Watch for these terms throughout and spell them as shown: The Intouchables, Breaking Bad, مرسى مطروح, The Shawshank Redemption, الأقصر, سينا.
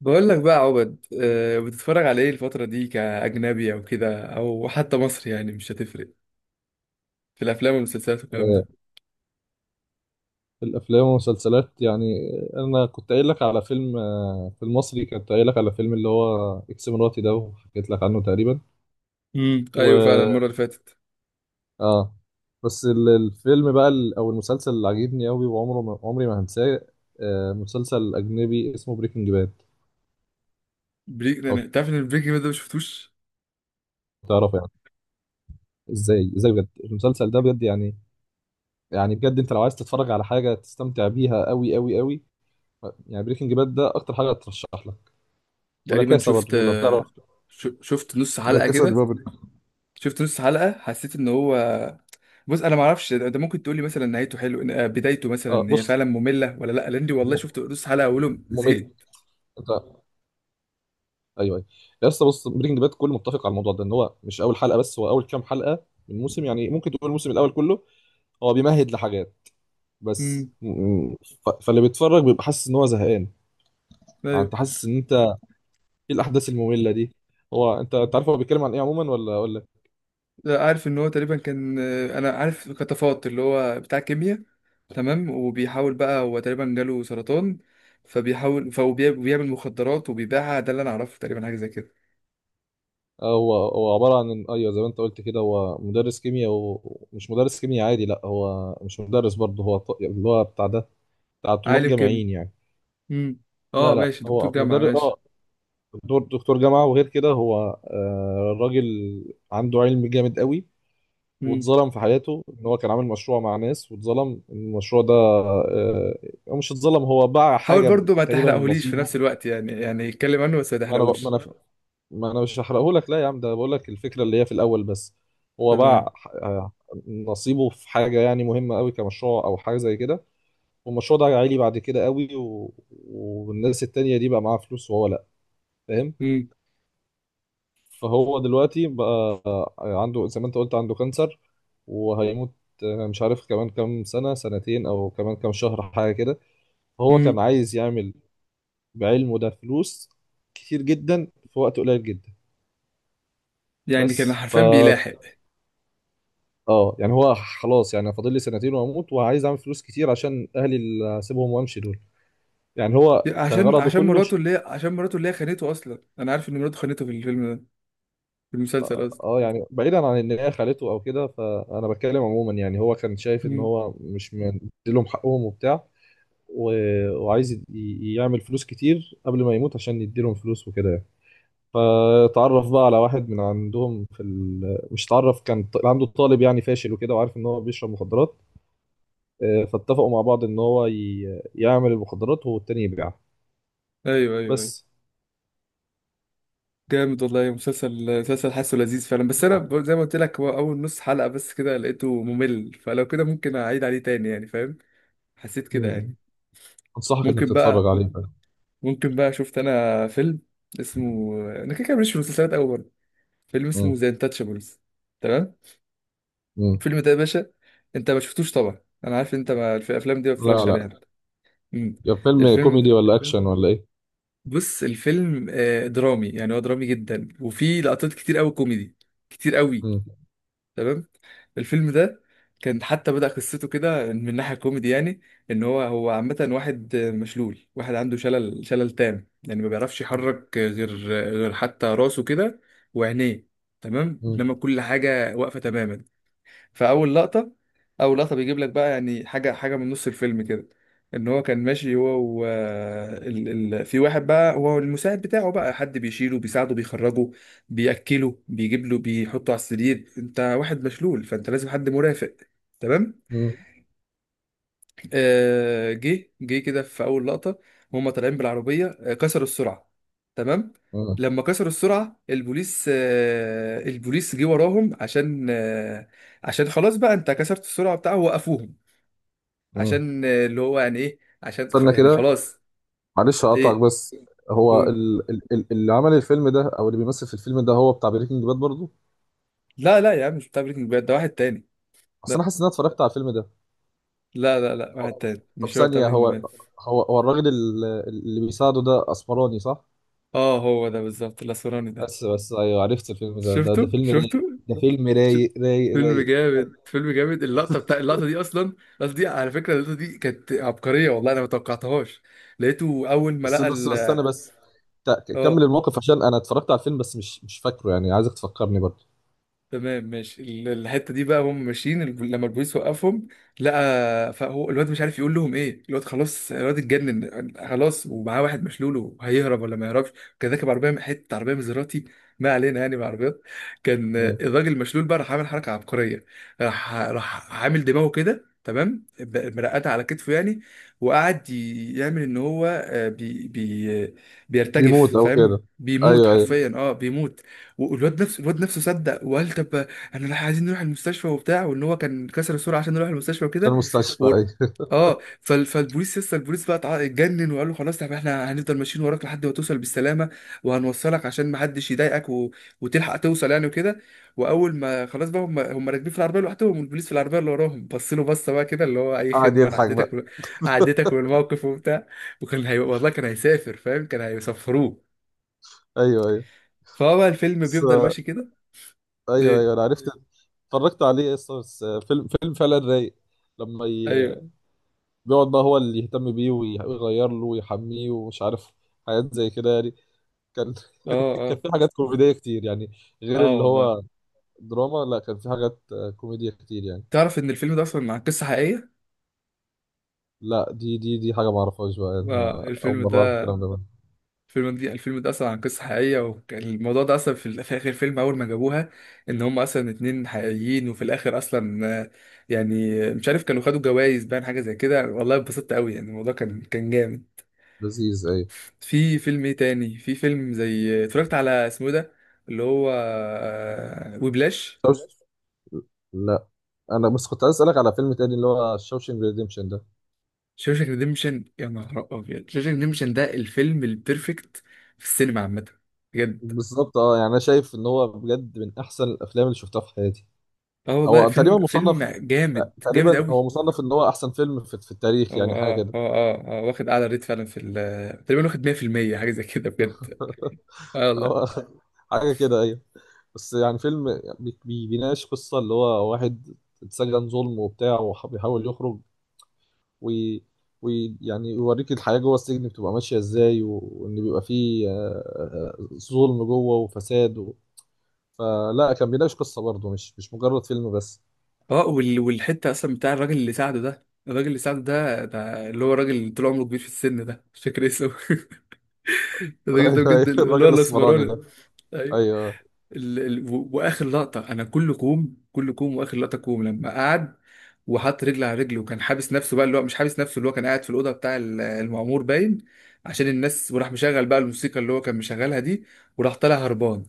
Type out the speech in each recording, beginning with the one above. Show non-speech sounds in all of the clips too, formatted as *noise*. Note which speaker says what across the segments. Speaker 1: بقول لك بقى يا عبد بتتفرج على ايه الفترة دي كأجنبي او كده او حتى مصري؟ يعني مش هتفرق في الافلام والمسلسلات والكلام
Speaker 2: آه،
Speaker 1: ده.
Speaker 2: في الافلام والمسلسلات يعني. انا كنت قايل لك على فيلم، في المصري، كنت قايل لك على فيلم اللي هو اكس مراتي ده، وحكيت لك عنه تقريبا.
Speaker 1: ايوه، فعلا
Speaker 2: و
Speaker 1: المرة اللي فاتت.
Speaker 2: اه بس الفيلم بقى او المسلسل اللي عجبني قوي وعمره ما عمري ما هنساه، مسلسل اجنبي اسمه بريكنج باد. او
Speaker 1: تعرف ان البريك ده ما شفتوش؟
Speaker 2: تعرفه يعني؟ ازاي بجد المسلسل ده بجد يعني. يعني بجد انت لو عايز تتفرج على حاجه تستمتع بيها قوي قوي قوي، يعني بريكنج باد ده اكتر حاجه ترشح لك. ولا
Speaker 1: تقريبا
Speaker 2: كاسه
Speaker 1: شفت،
Speaker 2: برضه لو تعرف،
Speaker 1: شفت نص
Speaker 2: لا
Speaker 1: حلقة
Speaker 2: كاسا دي
Speaker 1: كده.
Speaker 2: بابل.
Speaker 1: شفت نص حلقة، حسيت ان هو. بص، انا ما اعرفش، انت ممكن تقول لي مثلا نهايته حلو، بدايته
Speaker 2: اه
Speaker 1: مثلا هي
Speaker 2: بص،
Speaker 1: فعلا مملة ولا لا؟ لان دي والله شفت
Speaker 2: م-
Speaker 1: نص حلقة اولهم زهقت.
Speaker 2: ممل، انت؟ ايوه، ايوه يا اسطى. بص، بريكنج باد كله متفق على الموضوع ده، ان هو مش اول حلقه بس، هو اول كام حلقه من الموسم، يعني ممكن تقول الموسم الاول كله هو بيمهد لحاجات. بس
Speaker 1: امم
Speaker 2: م- م- ف- فاللي بيتفرج بيبقى حاسس ان هو زهقان، يعني انت حاسس ان انت ايه، الاحداث الممله دي. هو انت، انت عارف هو بيتكلم عن ايه عموما ولا اقول لك؟
Speaker 1: لا، عارف ان هو تقريبا كان، انا عارف كتفوت، اللي هو بتاع كيمياء، تمام، وبيحاول بقى، هو تقريبا جاله سرطان، فبيحاول، فهو بيعمل مخدرات وبيبيعها. ده اللي انا اعرفه تقريبا، حاجه زي كده.
Speaker 2: هو عباره عن، ايوه زي ما انت قلت كده، هو مدرس كيمياء، ومش مدرس كيمياء عادي. لا هو مش مدرس برضه، هو ط- اللي هو بتاع ده، بتاع طلاب
Speaker 1: عالم كيمياء.
Speaker 2: جامعيين يعني.
Speaker 1: امم
Speaker 2: لا
Speaker 1: اه،
Speaker 2: لا
Speaker 1: ماشي، دكتور
Speaker 2: هو
Speaker 1: جامعه،
Speaker 2: مدرس، اه
Speaker 1: ماشي.
Speaker 2: دكتور جامعة. وغير كده هو، الراجل عنده علم جامد قوي.
Speaker 1: امم
Speaker 2: واتظلم في حياته، ان هو كان عامل مشروع مع ناس، واتظلم إن المشروع ده هو مش اتظلم، هو باع
Speaker 1: حاول
Speaker 2: حاجة
Speaker 1: برضو ما
Speaker 2: تقريبا
Speaker 1: تحرقهوليش في
Speaker 2: نصيبه.
Speaker 1: نفس الوقت يعني، يعني يتكلم عنه بس ما
Speaker 2: ما انا ما
Speaker 1: تحرقهوش.
Speaker 2: انا ما انا مش هحرقه لك، لا يا عم، ده بقول لك الفكرة اللي هي في الاول بس. هو
Speaker 1: تمام.
Speaker 2: باع آه، نصيبه في حاجة يعني مهمة قوي، كمشروع او حاجة زي كده، والمشروع ده عالي بعد كده قوي و... والناس التانية دي بقى معاها فلوس وهو لا، فاهم؟
Speaker 1: امم
Speaker 2: فهو دلوقتي بقى عنده، زي ما انت قلت، عنده كانسر وهيموت، مش عارف كمان كام سنة، سنتين أو كمان كام شهر، حاجة كده. هو كان
Speaker 1: امم
Speaker 2: عايز يعمل بعلمه ده فلوس كتير جدا في وقت قليل جدا.
Speaker 1: يعني كان
Speaker 2: بس ف
Speaker 1: حرفيا بيلاحق.
Speaker 2: اه يعني هو خلاص، يعني فاضل لي سنتين واموت، وعايز اعمل فلوس كتير عشان اهلي اللي هسيبهم وامشي، دول يعني هو كان
Speaker 1: عشان
Speaker 2: غرضه
Speaker 1: عشان
Speaker 2: كله.
Speaker 1: مراته اللي هي عشان مراته اللي هي خانته اصلا. انا عارف ان مراته خانته في الفيلم ده، في المسلسل
Speaker 2: اه
Speaker 1: قصدي.
Speaker 2: يعني بعيدا عن ان هي خالته او كده، فانا بتكلم عموما، يعني هو كان شايف ان
Speaker 1: امم
Speaker 2: هو مش مديلهم حقهم وبتاع، وعايز يعمل فلوس كتير قبل ما يموت عشان يديلهم فلوس وكده يعني. فتعرف بقى على واحد من عندهم في ال... مش تعرف، كان ط- عنده طالب يعني فاشل وكده، وعارف ان هو بيشرب مخدرات، فاتفقوا مع بعض ان هو ي... يعمل المخدرات والتاني يبيعها.
Speaker 1: ايوه ايوه ايوه.
Speaker 2: بس.
Speaker 1: جامد والله، مسلسل حاسه لذيذ فعلا. بس انا برضه
Speaker 2: *laughs*
Speaker 1: زي ما قلت لك، هو اول نص حلقة بس كده لقيته ممل، فلو كده ممكن اعيد عليه تاني يعني، فاهم؟ حسيت كده
Speaker 2: مم.
Speaker 1: يعني.
Speaker 2: انصحك انك
Speaker 1: ممكن
Speaker 2: تتفرج
Speaker 1: بقى
Speaker 2: عليه بقى.
Speaker 1: ممكن بقى شفت انا فيلم اسمه، انا كده كده ماليش في المسلسلات قوي برضه، فيلم اسمه
Speaker 2: مم.
Speaker 1: ذا انتاتشابلز، تمام؟
Speaker 2: مم.
Speaker 1: الفيلم ده يا باشا، انت ما شفتوش طبعا، انا عارف انت ما في الافلام دي ما
Speaker 2: لا
Speaker 1: بتتفرجش عليها
Speaker 2: لا.
Speaker 1: أنت. أمم.
Speaker 2: يا فيلم
Speaker 1: الفيلم
Speaker 2: كوميدي
Speaker 1: ده،
Speaker 2: ولا اكشن ولا ايه؟
Speaker 1: بص، الفيلم درامي، يعني هو درامي جدا وفي لقطات كتير قوي كوميدي، كتير قوي.
Speaker 2: مم.
Speaker 1: تمام. الفيلم ده كان حتى بدأ قصته كده من ناحية كوميدي يعني. ان هو، هو عامة واحد مشلول، واحد عنده شلل، تام يعني، ما بيعرفش يحرك غير، غير حتى راسه كده، وعينيه. تمام، انما
Speaker 2: مم.
Speaker 1: كل حاجة واقفة تماما. فاول لقطه، اول لقطه بيجيب لك بقى يعني حاجه، حاجه من نص الفيلم كده، ان هو كان ماشي هو في واحد بقى، هو المساعد بتاعه بقى، حد بيشيله، بيساعده، بيخرجه، بياكله، بيجيب له، بيحطه على السرير، انت واحد مشلول فانت لازم حد مرافق، تمام.
Speaker 2: مم.
Speaker 1: جه، كده في اول لقطه، وهم طالعين بالعربيه، كسروا السرعه، تمام.
Speaker 2: مم.
Speaker 1: لما كسروا السرعه البوليس، البوليس جه وراهم عشان عشان خلاص بقى، انت كسرت السرعه بتاعه، وقفوهم
Speaker 2: مم.
Speaker 1: عشان، اللي هو يعني ايه، عشان
Speaker 2: استنى
Speaker 1: يعني
Speaker 2: كده،
Speaker 1: خلاص.
Speaker 2: معلش اقطعك
Speaker 1: ايه؟
Speaker 2: بس، هو
Speaker 1: هو-
Speaker 2: اللي عمل الفيلم ده او اللي بيمثل في الفيلم ده هو بتاع بريكنج باد برضه؟
Speaker 1: لا لا يا عم، مش بتاع بريكنج باد ده، واحد تاني.
Speaker 2: اصل انا
Speaker 1: لا
Speaker 2: حاسس ان انا اتفرجت على الفيلم ده.
Speaker 1: لا لا لا، واحد تاني،
Speaker 2: طب
Speaker 1: مش هو بتاع
Speaker 2: ثانيه،
Speaker 1: بريكنج
Speaker 2: هو
Speaker 1: باد.
Speaker 2: هو هو الراجل اللي بيساعده ده اسمراني صح؟
Speaker 1: اه، هو ده بالظبط، الاسمراني ده.
Speaker 2: بس بس ايوه، عرفت الفيلم ده، ده، ده
Speaker 1: شفته،
Speaker 2: فيلم
Speaker 1: شفته،
Speaker 2: رايق، ده فيلم
Speaker 1: ش-
Speaker 2: رايق رايق
Speaker 1: فيلم
Speaker 2: رايق.
Speaker 1: جامد، فيلم جامد، اللقطه دي اصلا، اللقطه دي على فكره، اللقطه دي كانت عبقريه والله، انا ما توقعتهاش. لقيته اول ما
Speaker 2: بس بس
Speaker 1: لقى
Speaker 2: بس
Speaker 1: ال،
Speaker 2: استنى بس،
Speaker 1: اه.
Speaker 2: كمل الموقف عشان انا اتفرجت على الفيلم بس مش مش فاكره، يعني عايزك تفكرني برضه.
Speaker 1: تمام ماشي، الحته دي بقى هم ماشيين، لما البوليس وقفهم لقى، فهو الواد مش عارف يقول لهم ايه، الواد خلاص، الواد اتجنن خلاص، ومعاه واحد مشلول، وهيهرب ولا ما يهربش؟ كان راكب عربيه من حته، عربيه مزراتي، ما علينا يعني بعربيات. كان
Speaker 2: مم.
Speaker 1: الراجل المشلول بقى راح عامل حركه عبقريه. راح، راح عامل دماغه كده، تمام، مرقده على كتفه يعني، وقعد يعمل ان هو بي بي بيرتجف،
Speaker 2: بيموت او
Speaker 1: فاهم؟
Speaker 2: كده؟
Speaker 1: بيموت
Speaker 2: ايوه ايوه.
Speaker 1: حرفيا، اه بيموت. والواد نفسه، الواد نفسه صدق وقال طب، انا راح، عايزين نروح المستشفى وبتاع، وان هو كان كسر السرعه عشان نروح المستشفى
Speaker 2: عشان
Speaker 1: وكده
Speaker 2: المستشفى،
Speaker 1: و...
Speaker 2: ايوه.
Speaker 1: اه، فالبوليس لسه، البوليس بقى اتجنن وقال له خلاص، طب احنا هنفضل ماشيين وراك لحد ما توصل بالسلامه، وهنوصلك عشان ما حدش يضايقك و... وتلحق توصل يعني، وكده. واول ما خلاص بقى، هم راكبين في العربيه لوحدهم، والبوليس في العربيه اللي وراهم بص له بصه بقى كده اللي
Speaker 2: *laughs*
Speaker 1: هو اي
Speaker 2: قاعد
Speaker 1: خدمه، انا
Speaker 2: يضحك
Speaker 1: عديتك
Speaker 2: بقى.
Speaker 1: و... عديتك بالموقف وبتاع. وكان هي... والله كان هيسافر، فاهم؟ كان هيسفروه.
Speaker 2: ايوه ايوه.
Speaker 1: فهو بقى الفيلم
Speaker 2: بس
Speaker 1: بيفضل ماشي كده.
Speaker 2: ايوه
Speaker 1: إيه،
Speaker 2: ايوه انا عرفت، اتفرجت عليه اصلا، بس فيلم فيلم فعلا رايق. لما ي...
Speaker 1: ايوه،
Speaker 2: بيقعد بقى هو اللي يهتم بيه ويغير له ويحميه ومش عارف، حاجات زي كده يعني. كان
Speaker 1: اه
Speaker 2: *laughs* كان
Speaker 1: اه
Speaker 2: في حاجات كوميدية كتير يعني، غير
Speaker 1: اه
Speaker 2: اللي
Speaker 1: والله.
Speaker 2: هو دراما. لا كان في حاجات كوميدية كتير يعني.
Speaker 1: تعرف ان الفيلم ده اصلا عن قصه حقيقيه؟
Speaker 2: لا، دي دي دي حاجة ما اعرفهاش بقى،
Speaker 1: اه،
Speaker 2: انا اول
Speaker 1: الفيلم
Speaker 2: مرة اعرف
Speaker 1: ده،
Speaker 2: الكلام ده.
Speaker 1: الفيلم ده اصلا عن قصه حقيقيه. وكان الموضوع ده اصلا في، في اخر الفيلم اول ما جابوها، ان هم اصلا اتنين حقيقيين. وفي الاخر اصلا، يعني مش عارف، كانوا خدوا جوائز باين، حاجه زي كده، والله اتبسطت قوي يعني، الموضوع كان، كان جامد.
Speaker 2: لذيذ، ايوه.
Speaker 1: في فيلم ايه تاني، في فيلم زي اتفرجت على اسمه إيه ده، اللي هو وبلاش.
Speaker 2: شوش... لا، انا بس كنت عايز اسالك على فيلم تاني، اللي هو شوشنج ريديمشن ده.
Speaker 1: شوشانك ريديمشن، يا نهار ابيض، شوشانك ريديمشن ده الفيلم البيرفكت في السينما عامه، بجد.
Speaker 2: بالظبط، اه يعني انا شايف ان هو بجد من احسن الافلام اللي شفتها في حياتي.
Speaker 1: اه والله،
Speaker 2: هو
Speaker 1: فيلم،
Speaker 2: تقريبا
Speaker 1: فيلم
Speaker 2: مصنف،
Speaker 1: جامد جامد
Speaker 2: تقريبا
Speaker 1: قوي.
Speaker 2: هو مصنف ان هو احسن فيلم في، في التاريخ،
Speaker 1: هو
Speaker 2: يعني حاجه
Speaker 1: اه
Speaker 2: كده.
Speaker 1: هو اه اه واخد اعلى ريت فعلا في ال، تقريبا واخد 100% حاجه زي كده، بجد.
Speaker 2: *laughs*
Speaker 1: اه والله.
Speaker 2: هو حاجه كده، ايوه. بس يعني فيلم بيناقش قصه، اللي هو واحد اتسجن ظلم وبتاع وبيحاول يخرج ويعني، يعني يوريك الحياه جوه السجن بتبقى ماشيه ازاي، وان بيبقى فيه ظلم جوه وفساد و... فلا، كان بيناقش قصه برضه، مش مش مجرد فيلم بس.
Speaker 1: اه، والحته اصلا بتاع الراجل اللي ساعده ده، الراجل اللي ساعده ده، ده اللي هو الراجل اللي طول عمره كبير في السن ده، مش فاكر اسمه. *laughs*
Speaker 2: *laughs*
Speaker 1: الراجل ده
Speaker 2: ايوه
Speaker 1: بجد،
Speaker 2: ايوه،
Speaker 1: اللي
Speaker 2: الراجل
Speaker 1: هو
Speaker 2: الاسمراني
Speaker 1: الاسمراني.
Speaker 2: ده.
Speaker 1: أيوه.
Speaker 2: ايوه.
Speaker 1: واخر لقطه، انا كل كوم، كل كوم واخر لقطه كوم، لما قعد وحط رجل على رجل وكان حابس نفسه بقى، اللي هو مش حابس نفسه، اللي هو كان قاعد في الاوضه بتاع المعمور باين، عشان الناس، وراح مشغل بقى الموسيقى اللي هو كان مشغلها دي، وراح طالع هربان.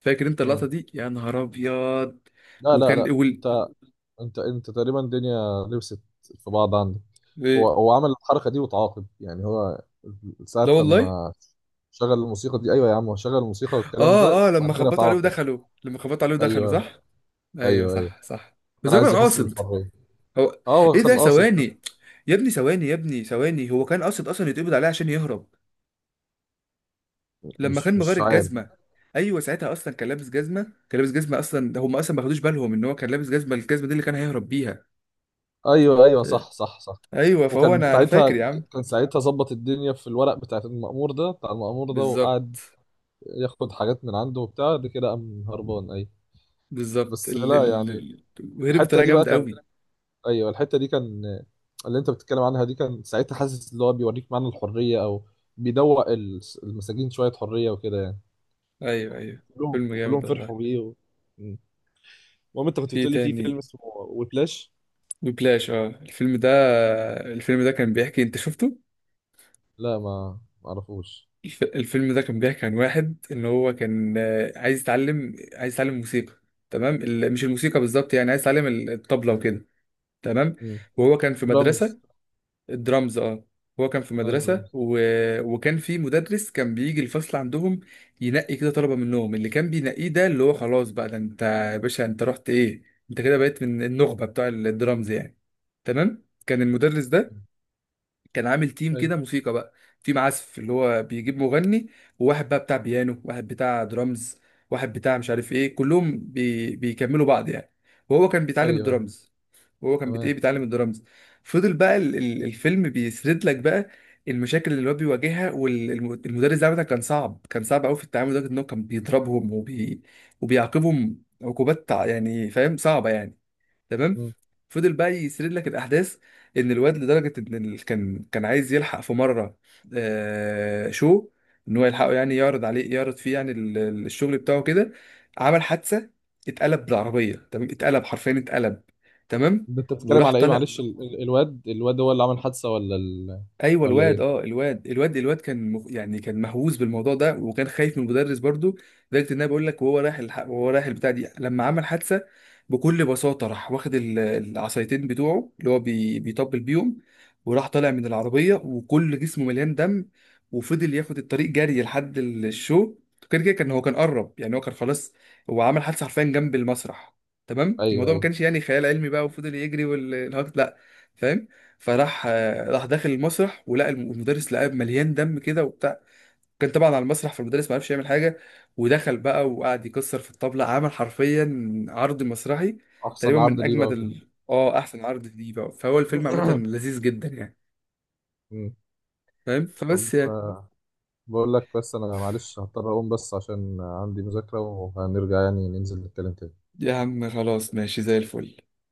Speaker 1: فاكر انت
Speaker 2: مم.
Speaker 1: اللقطه دي؟ يا نهار ابيض.
Speaker 2: لا لا
Speaker 1: وكان
Speaker 2: لا
Speaker 1: وال...
Speaker 2: انت، انت انت تقريبا الدنيا لبست في بعض عندك.
Speaker 1: إيه؟
Speaker 2: هو عمل الحركه دي وتعاقب يعني، هو ساعه
Speaker 1: لا والله.
Speaker 2: لما شغل الموسيقى دي؟ ايوه يا عم، هو شغل الموسيقى والكلام ده،
Speaker 1: اه اه،
Speaker 2: وبعد
Speaker 1: لما
Speaker 2: كده
Speaker 1: خبطوا عليه
Speaker 2: تعاقب.
Speaker 1: ودخلوا، لما خبطوا عليه ودخلوا،
Speaker 2: ايوه
Speaker 1: صح. ايوه،
Speaker 2: ايوه ايوه.
Speaker 1: صح صح. بس
Speaker 2: كان
Speaker 1: هو كان
Speaker 2: عايز يحس
Speaker 1: قاصد.
Speaker 2: بالحريه.
Speaker 1: هو.
Speaker 2: اه هو
Speaker 1: ايه ده،
Speaker 2: كان قاصد ده.
Speaker 1: ثواني، يا ابني ثواني، يا ابني ثواني، هو كان قاصد اصلا يتقبض عليه عشان يهرب، لما
Speaker 2: مش
Speaker 1: كان مغير
Speaker 2: مش عارف.
Speaker 1: الجزمه. ايوه، ساعتها اصلا كان لابس جزمه، كان لابس جزمه اصلا، ده هم اصلا ما خدوش بالهم ان هو كان لابس جزمه، الجزمه دي اللي كان هيهرب بيها.
Speaker 2: ايوه ايوه صح صح صح.
Speaker 1: ايوه. فهو،
Speaker 2: وكان
Speaker 1: انا
Speaker 2: ساعتها،
Speaker 1: فاكر يا عم.
Speaker 2: كان ساعتها ظبط الدنيا في الورق بتاع المأمور ده، بتاع المأمور ده، وقعد
Speaker 1: بالظبط،
Speaker 2: ياخد حاجات من عنده وبتاع ده، كده قام هربان، ايوه.
Speaker 1: بالظبط.
Speaker 2: بس لا يعني،
Speaker 1: وهرب
Speaker 2: الحته
Speaker 1: بطريقه
Speaker 2: دي بقى
Speaker 1: جامده
Speaker 2: كان،
Speaker 1: قوي.
Speaker 2: ايوه الحته دي كان، اللي انت بتتكلم عنها دي، كان ساعتها حاسس اللي هو بيوريك معنى الحريه، او بيدوق المساجين شويه حريه وكده يعني.
Speaker 1: ايوه ايوه،
Speaker 2: كلهم
Speaker 1: فيلم
Speaker 2: وكلهم
Speaker 1: جامد والله.
Speaker 2: فرحوا بيه و... مم. المهم انت كنت
Speaker 1: في إيه
Speaker 2: بتقولي في
Speaker 1: تاني؟
Speaker 2: فيلم اسمه ويبلاش.
Speaker 1: وبلاش، اه، الفيلم ده، الفيلم ده كان بيحكي، انت شفته؟
Speaker 2: لا، ما ما اعرفوش.
Speaker 1: الفيلم ده كان بيحكي عن واحد ان هو كان عايز يتعلم، عايز يتعلم موسيقى، تمام، مش الموسيقى بالظبط يعني، عايز يتعلم الطبلة وكده، تمام.
Speaker 2: مم.
Speaker 1: وهو كان في
Speaker 2: درامز،
Speaker 1: مدرسة. الدرامز، اه، هو كان في
Speaker 2: اه
Speaker 1: مدرسة
Speaker 2: درامز.
Speaker 1: و... وكان في مدرس كان بيجي الفصل عندهم، ينقي كده طلبة منهم، اللي كان بينقيه ده اللي هو خلاص بقى، ده انت يا باشا، انت رحت ايه، انت كده بقيت من النخبة بتوع الدرامز يعني. تمام، كان المدرس ده
Speaker 2: مم.
Speaker 1: كان عامل تيم
Speaker 2: ايوه
Speaker 1: كده موسيقى بقى، تيم عزف اللي هو بيجيب مغني، وواحد بقى بتاع بيانو، واحد بتاع درامز، واحد بتاع مش عارف ايه، كلهم بيكملوا بعض يعني، وهو كان بيتعلم
Speaker 2: ايوه.
Speaker 1: الدرامز. وهو كان بت...
Speaker 2: تمام.
Speaker 1: ايه بيتعلم الدرامز. فضل بقى الفيلم بيسرد لك بقى المشاكل اللي هو بيواجهها، والمدرس ده عامة كان صعب، كان صعب قوي في التعامل، لدرجة ان هو كان بيضربهم وبيعاقبهم عقوبات يعني فاهم، صعبة يعني. تمام.
Speaker 2: مم.
Speaker 1: فضل بقى يسرد لك الاحداث، ان الواد لدرجه ان كان عايز يلحق في مره، شو، ان هو يلحقه يعني، يعرض عليه، يعرض فيه يعني الشغل بتاعه كده. عمل حادثه، اتقلب بالعربيه، تمام، اتقلب حرفيا اتقلب، تمام.
Speaker 2: ده انت بتتكلم
Speaker 1: وراح
Speaker 2: على ايه؟
Speaker 1: طالع.
Speaker 2: معلش ال... الواد، الواد هو اللي عمل حادثه ولا ال...،
Speaker 1: ايوه
Speaker 2: ولا
Speaker 1: الواد، اه
Speaker 2: ايه؟
Speaker 1: الواد كان مخ... يعني كان مهووس بالموضوع ده وكان خايف من المدرس برضو، لدرجه ان انا بقول لك، وهو رايح وهو رايح البتاع دي، لما عمل حادثه بكل بساطه، راح واخد العصايتين بتوعه اللي هو بيطبل بيهم، وراح طالع من العربيه وكل جسمه مليان دم. وفضل ياخد الطريق جري لحد الشو. كده كده، كان قرب يعني، هو كان خلاص، هو عمل حادثه حرفيا جنب المسرح، تمام،
Speaker 2: ايوه
Speaker 1: الموضوع ما
Speaker 2: ايوه.
Speaker 1: كانش يعني خيال علمي بقى، وفضل يجري والهكت لا، فاهم؟ فراح، راح داخل المسرح، ولقى المدرس، لقاه مليان دم كده وبتاع، كان طبعا على المسرح، فالمدرس ما عرفش يعمل حاجه. ودخل بقى وقعد يكسر في الطبله، عمل حرفيا عرض مسرحي،
Speaker 2: احسن
Speaker 1: تقريبا
Speaker 2: عرض
Speaker 1: من
Speaker 2: ليه بقى
Speaker 1: اجمد
Speaker 2: وكده.
Speaker 1: ال... اه احسن عرض دي بقى. فهو الفيلم عامه
Speaker 2: *clears throat*
Speaker 1: لذيذ جدا يعني،
Speaker 2: مم.
Speaker 1: فاهم؟
Speaker 2: طب
Speaker 1: فبس يعني.
Speaker 2: بقول لك، بس انا معلش هضطر اقوم، بس عشان عندي مذاكرة، وهنرجع يعني ننزل نتكلم تاني.
Speaker 1: يا عم خلاص، ماشي زي الفل.